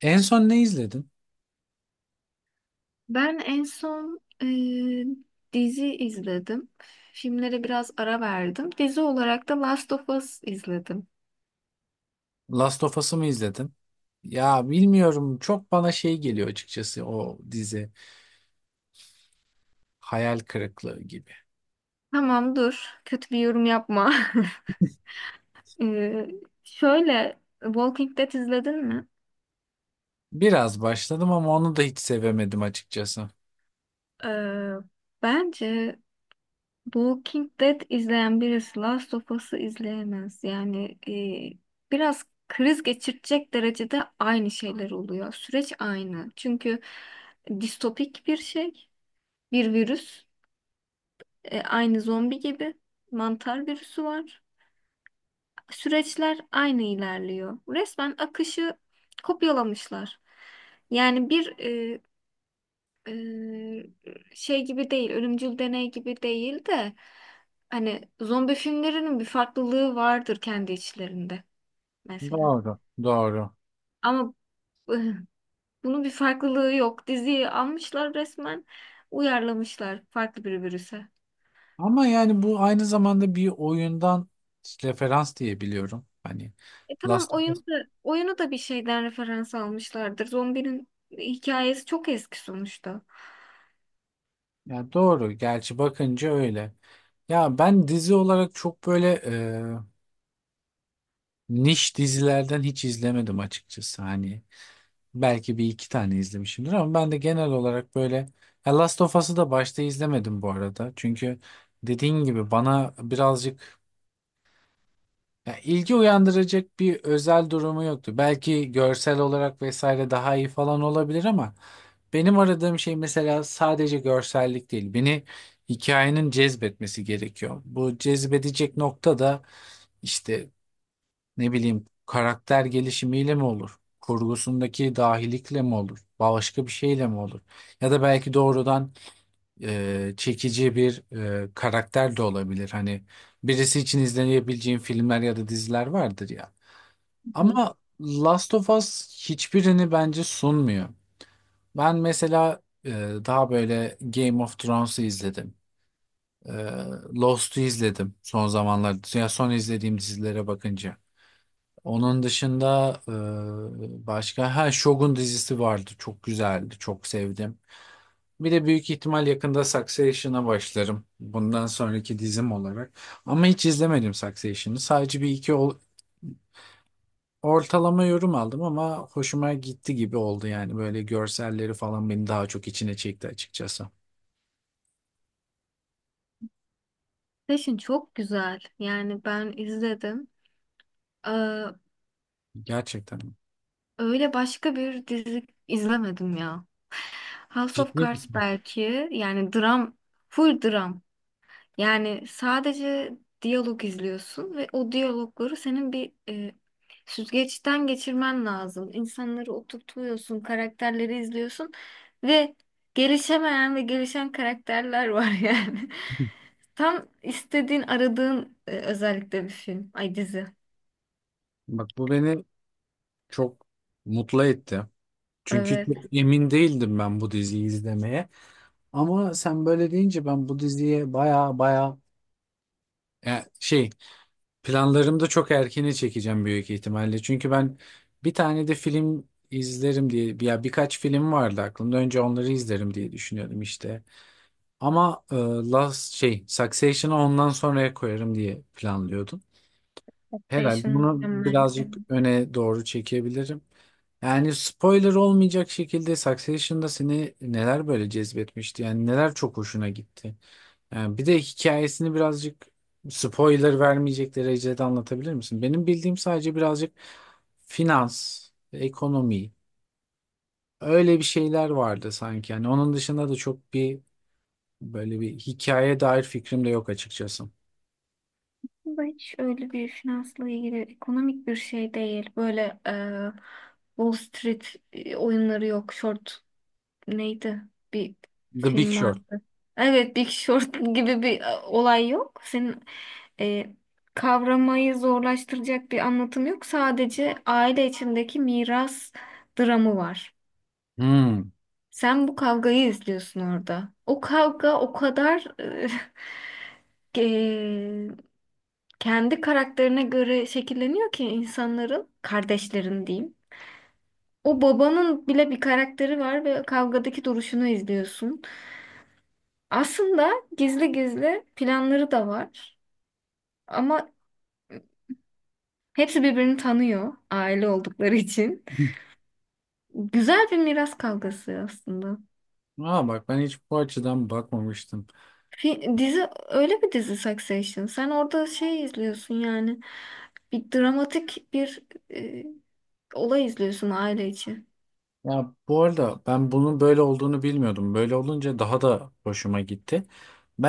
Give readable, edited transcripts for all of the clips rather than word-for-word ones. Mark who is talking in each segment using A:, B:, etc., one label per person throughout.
A: En son ne izledin?
B: Ben en son dizi izledim. Filmlere biraz ara verdim. Dizi olarak da Last of Us izledim.
A: Last of Us'ı mı izledin? Ya bilmiyorum, çok bana şey geliyor açıkçası. O dizi hayal kırıklığı gibi.
B: Tamam dur. Kötü bir yorum yapma. E, Şöyle Walking Dead izledin mi?
A: Biraz başladım ama onu da hiç sevemedim açıkçası.
B: E, Bence Walking Dead izleyen birisi Last of Us'ı izleyemez. Yani biraz kriz geçirecek derecede aynı şeyler oluyor. Süreç aynı. Çünkü distopik bir şey, bir virüs. Aynı zombi gibi mantar virüsü var. Süreçler aynı ilerliyor. Resmen akışı kopyalamışlar. Yani şey gibi değil, ölümcül deney gibi değil de hani zombi filmlerinin bir farklılığı vardır kendi içlerinde mesela.
A: Doğru, doğru.
B: Ama e, bunun bir farklılığı yok. Diziyi almışlar resmen uyarlamışlar farklı bir virüse.
A: Ama yani bu aynı zamanda bir oyundan referans diye biliyorum. Hani
B: E tamam
A: Last of Us.
B: oyunu da bir şeyden referans almışlardır. Zombinin hikayesi çok eski sonuçta.
A: Ya doğru, gerçi bakınca öyle. Ya ben dizi olarak çok böyle niş dizilerden hiç izlemedim açıkçası. Hani belki bir iki tane izlemişimdir ama ben de genel olarak böyle. Ya Last of Us'ı da başta izlemedim bu arada. Çünkü dediğin gibi bana birazcık ya ilgi uyandıracak bir özel durumu yoktu. Belki görsel olarak vesaire daha iyi falan olabilir ama benim aradığım şey mesela sadece görsellik değil. Beni hikayenin cezbetmesi gerekiyor. Bu cezbedecek nokta da işte ne bileyim, karakter gelişimiyle mi olur? Kurgusundaki dahilikle mi olur? Başka bir şeyle mi olur? Ya da belki doğrudan çekici bir karakter de olabilir. Hani birisi için izlenebileceğin filmler ya da diziler vardır ya.
B: Hı.
A: Ama Last of Us hiçbirini bence sunmuyor. Ben mesela daha böyle Game of Thrones'u izledim. E, Lost'u izledim son zamanlarda. Ya son izlediğim dizilere bakınca. Onun dışında başka ha Shogun dizisi vardı. Çok güzeldi. Çok sevdim. Bir de büyük ihtimal yakında Succession'a başlarım. Bundan sonraki dizim olarak. Ama hiç izlemedim Succession'ı. Sadece bir iki ortalama yorum aldım ama hoşuma gitti gibi oldu yani. Böyle görselleri falan beni daha çok içine çekti açıkçası.
B: Passion çok güzel. Yani ben izledim. Ee,
A: Gerçekten.
B: öyle başka bir dizi izlemedim ya. House of
A: Ciddi
B: Cards
A: misin?
B: belki yani dram, full dram. Yani sadece diyalog izliyorsun ve o diyalogları senin bir süzgeçten geçirmen lazım. İnsanları oturtuyorsun, karakterleri izliyorsun ve gelişemeyen ve gelişen karakterler var yani. Tam istediğin, aradığın özellikle bir film. Ay dizi.
A: Bak bu beni çok mutlu etti. Çünkü çok
B: Evet.
A: emin değildim ben bu diziyi izlemeye. Ama sen böyle deyince ben bu diziye baya baya ya şey, planlarımda çok erkene çekeceğim büyük ihtimalle. Çünkü ben bir tane de film izlerim diye ya, birkaç film vardı aklımda. Önce onları izlerim diye düşünüyordum işte. Ama e, Last şey Succession'ı ondan sonraya koyarım diye planlıyordum. Herhalde
B: Taxation
A: bunu
B: mükemmel. Evet.
A: birazcık öne doğru çekebilirim. Yani spoiler olmayacak şekilde Succession'da seni neler böyle cezbetmişti? Yani neler çok hoşuna gitti? Yani bir de hikayesini birazcık spoiler vermeyecek derecede anlatabilir misin? Benim bildiğim sadece birazcık finans, ekonomi, öyle bir şeyler vardı sanki. Yani onun dışında da çok bir, böyle bir hikaye dair fikrim de yok açıkçası.
B: Bu hiç öyle bir finansla ilgili ekonomik bir şey değil. Böyle Wall Street oyunları yok, short. Neydi? Bir
A: The Big
B: film
A: Short.
B: vardı. Evet, Big Short gibi bir olay yok. Senin e, kavramayı zorlaştıracak bir anlatım yok. Sadece aile içindeki miras dramı var.
A: Hmm.
B: Sen bu kavgayı izliyorsun orada. O kavga o kadar e, e, kendi karakterine göre şekilleniyor ki insanların, kardeşlerin diyeyim. O babanın bile bir karakteri var ve kavgadaki duruşunu izliyorsun. Aslında gizli gizli planları da var ama hepsi birbirini tanıyor aile oldukları için. Güzel bir miras kavgası aslında.
A: Aa, bak ben hiç bu açıdan bakmamıştım.
B: Dizi öyle bir dizi Succession. Sen orada şey izliyorsun yani bir dramatik bir e, olay izliyorsun aile için.
A: Ya bu arada ben bunun böyle olduğunu bilmiyordum. Böyle olunca daha da hoşuma gitti.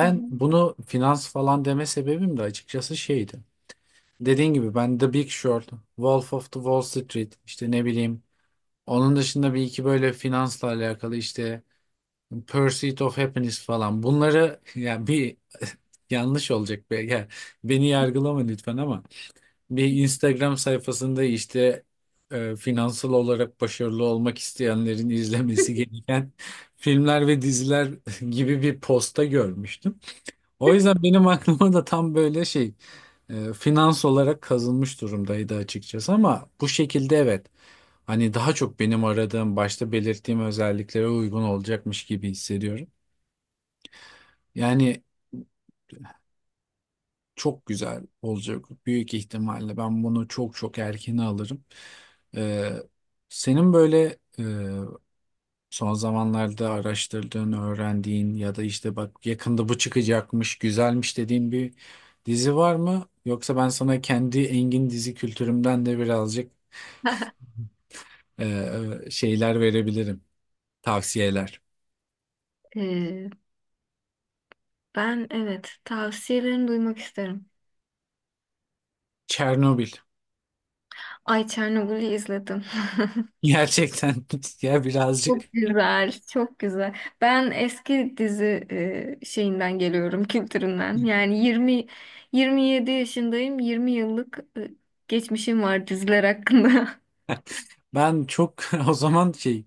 B: Hı hı.
A: bunu finans falan deme sebebim de açıkçası şeydi. Dediğin gibi ben The Big Short, Wolf of the Wall Street, işte ne bileyim. Onun dışında bir iki böyle finansla alakalı, işte Pursuit of Happiness falan. Bunları yani bir yanlış olacak be. Yani beni yargılama lütfen ama bir Instagram sayfasında işte finansal olarak başarılı olmak isteyenlerin izlemesi gereken filmler ve diziler gibi bir posta görmüştüm. O yüzden benim aklıma da tam böyle şey, finans olarak kazınmış durumdaydı açıkçası ama bu şekilde, evet. Hani daha çok benim aradığım, başta belirttiğim özelliklere uygun olacakmış gibi hissediyorum. Yani çok güzel olacak büyük ihtimalle. Ben bunu çok çok erken alırım. Ee, Senin böyle son zamanlarda araştırdığın, öğrendiğin ya da işte bak yakında bu çıkacakmış, güzelmiş dediğin bir dizi var mı? Yoksa ben sana kendi engin dizi kültürümden de birazcık şeyler verebilirim, tavsiyeler.
B: E, ben evet tavsiyelerini duymak isterim.
A: Çernobil.
B: Ay Çernobil'i izledim.
A: Gerçekten. Ya birazcık.
B: Çok güzel, çok güzel. Ben eski dizi şeyinden geliyorum, kültüründen. Yani 20, 27 yaşındayım. 20 yıllık geçmişim var diziler hakkında.
A: Ben çok o zaman şey,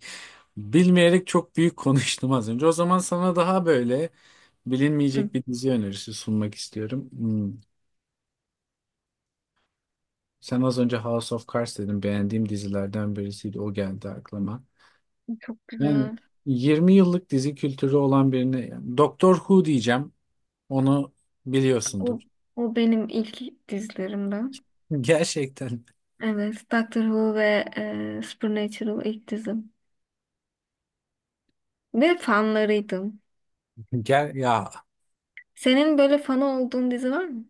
A: bilmeyerek çok büyük konuştum az önce. O zaman sana daha böyle
B: Hı.
A: bilinmeyecek bir dizi önerisi sunmak istiyorum. Hmm. Sen az önce House of Cards dedin. Beğendiğim dizilerden birisiydi. O geldi aklıma.
B: Çok
A: Yani
B: güzel.
A: 20 yıllık dizi kültürü olan birine yani Doctor Who diyeceğim. Onu biliyorsundur.
B: O o benim ilk dizilerimden.
A: Gerçekten.
B: Evet, Doctor Who ve Supernatural ilk dizim. Ve fanlarıydım.
A: Ger ya
B: Senin böyle fanı olduğun dizi var mı?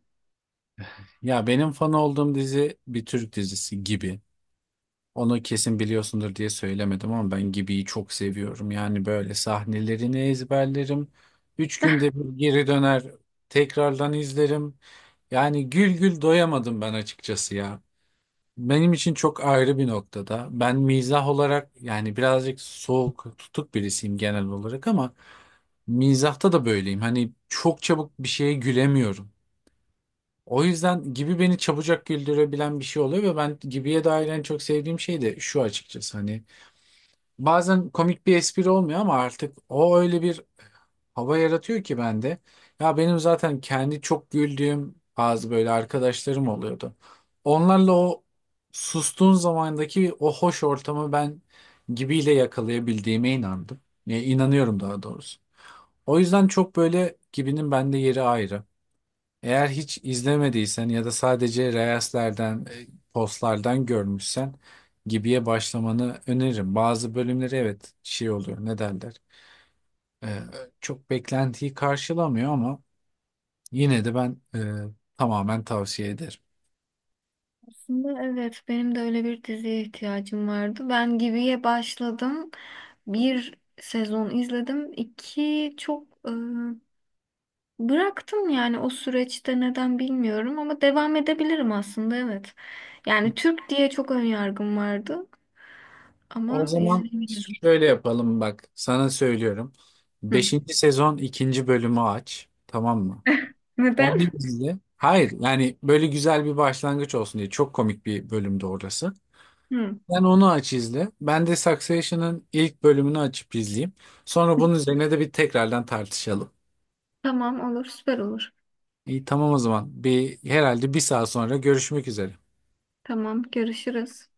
A: Ya benim fan olduğum dizi bir Türk dizisi, Gibi. Onu kesin biliyorsundur diye söylemedim ama ben Gibi'yi çok seviyorum. Yani böyle sahnelerini ezberlerim. Üç günde bir geri döner, tekrardan izlerim. Yani gül gül doyamadım ben açıkçası ya. Benim için çok ayrı bir noktada. Ben mizah olarak yani birazcık soğuk, tutuk birisiyim genel olarak ama mizahta da böyleyim. Hani çok çabuk bir şeye gülemiyorum. O yüzden Gibi beni çabucak güldürebilen bir şey oluyor ve ben Gibi'ye dair en çok sevdiğim şey de şu açıkçası, hani bazen komik bir espri olmuyor ama artık o öyle bir hava yaratıyor ki bende. Ya benim zaten kendi çok güldüğüm bazı böyle arkadaşlarım oluyordu. Onlarla o sustuğun zamandaki o hoş ortamı ben Gibi'yle yakalayabildiğime inandım. Ya, inanıyorum daha doğrusu. O yüzden çok böyle Gibi'nin bende yeri ayrı. Eğer hiç izlemediysen ya da sadece reelslerden, postlardan görmüşsen Gibi'ye başlamanı öneririm. Bazı bölümleri evet şey oluyor, ne derler. E, Çok beklentiyi karşılamıyor ama yine de ben tamamen tavsiye ederim.
B: Aslında evet benim de öyle bir diziye ihtiyacım vardı. Ben Gibi'ye başladım. Bir sezon izledim. İki çok bıraktım yani o süreçte neden bilmiyorum ama devam edebilirim aslında evet. Yani Türk diye çok ön yargım vardı
A: O
B: ama
A: zaman
B: izleyebilirim.
A: şöyle yapalım, bak sana söylüyorum.
B: Hı.
A: Beşinci sezon ikinci bölümü aç, tamam mı?
B: Neden?
A: Onu izle. Hayır yani böyle güzel bir başlangıç olsun diye, çok komik bir bölümde orası.
B: Hı.
A: Sen onu aç izle. Ben de Succession'ın ilk bölümünü açıp izleyeyim. Sonra bunun üzerine de bir tekrardan tartışalım.
B: Tamam olur süper olur.
A: İyi, tamam o zaman. Bir herhalde bir saat sonra görüşmek üzere.
B: Tamam görüşürüz.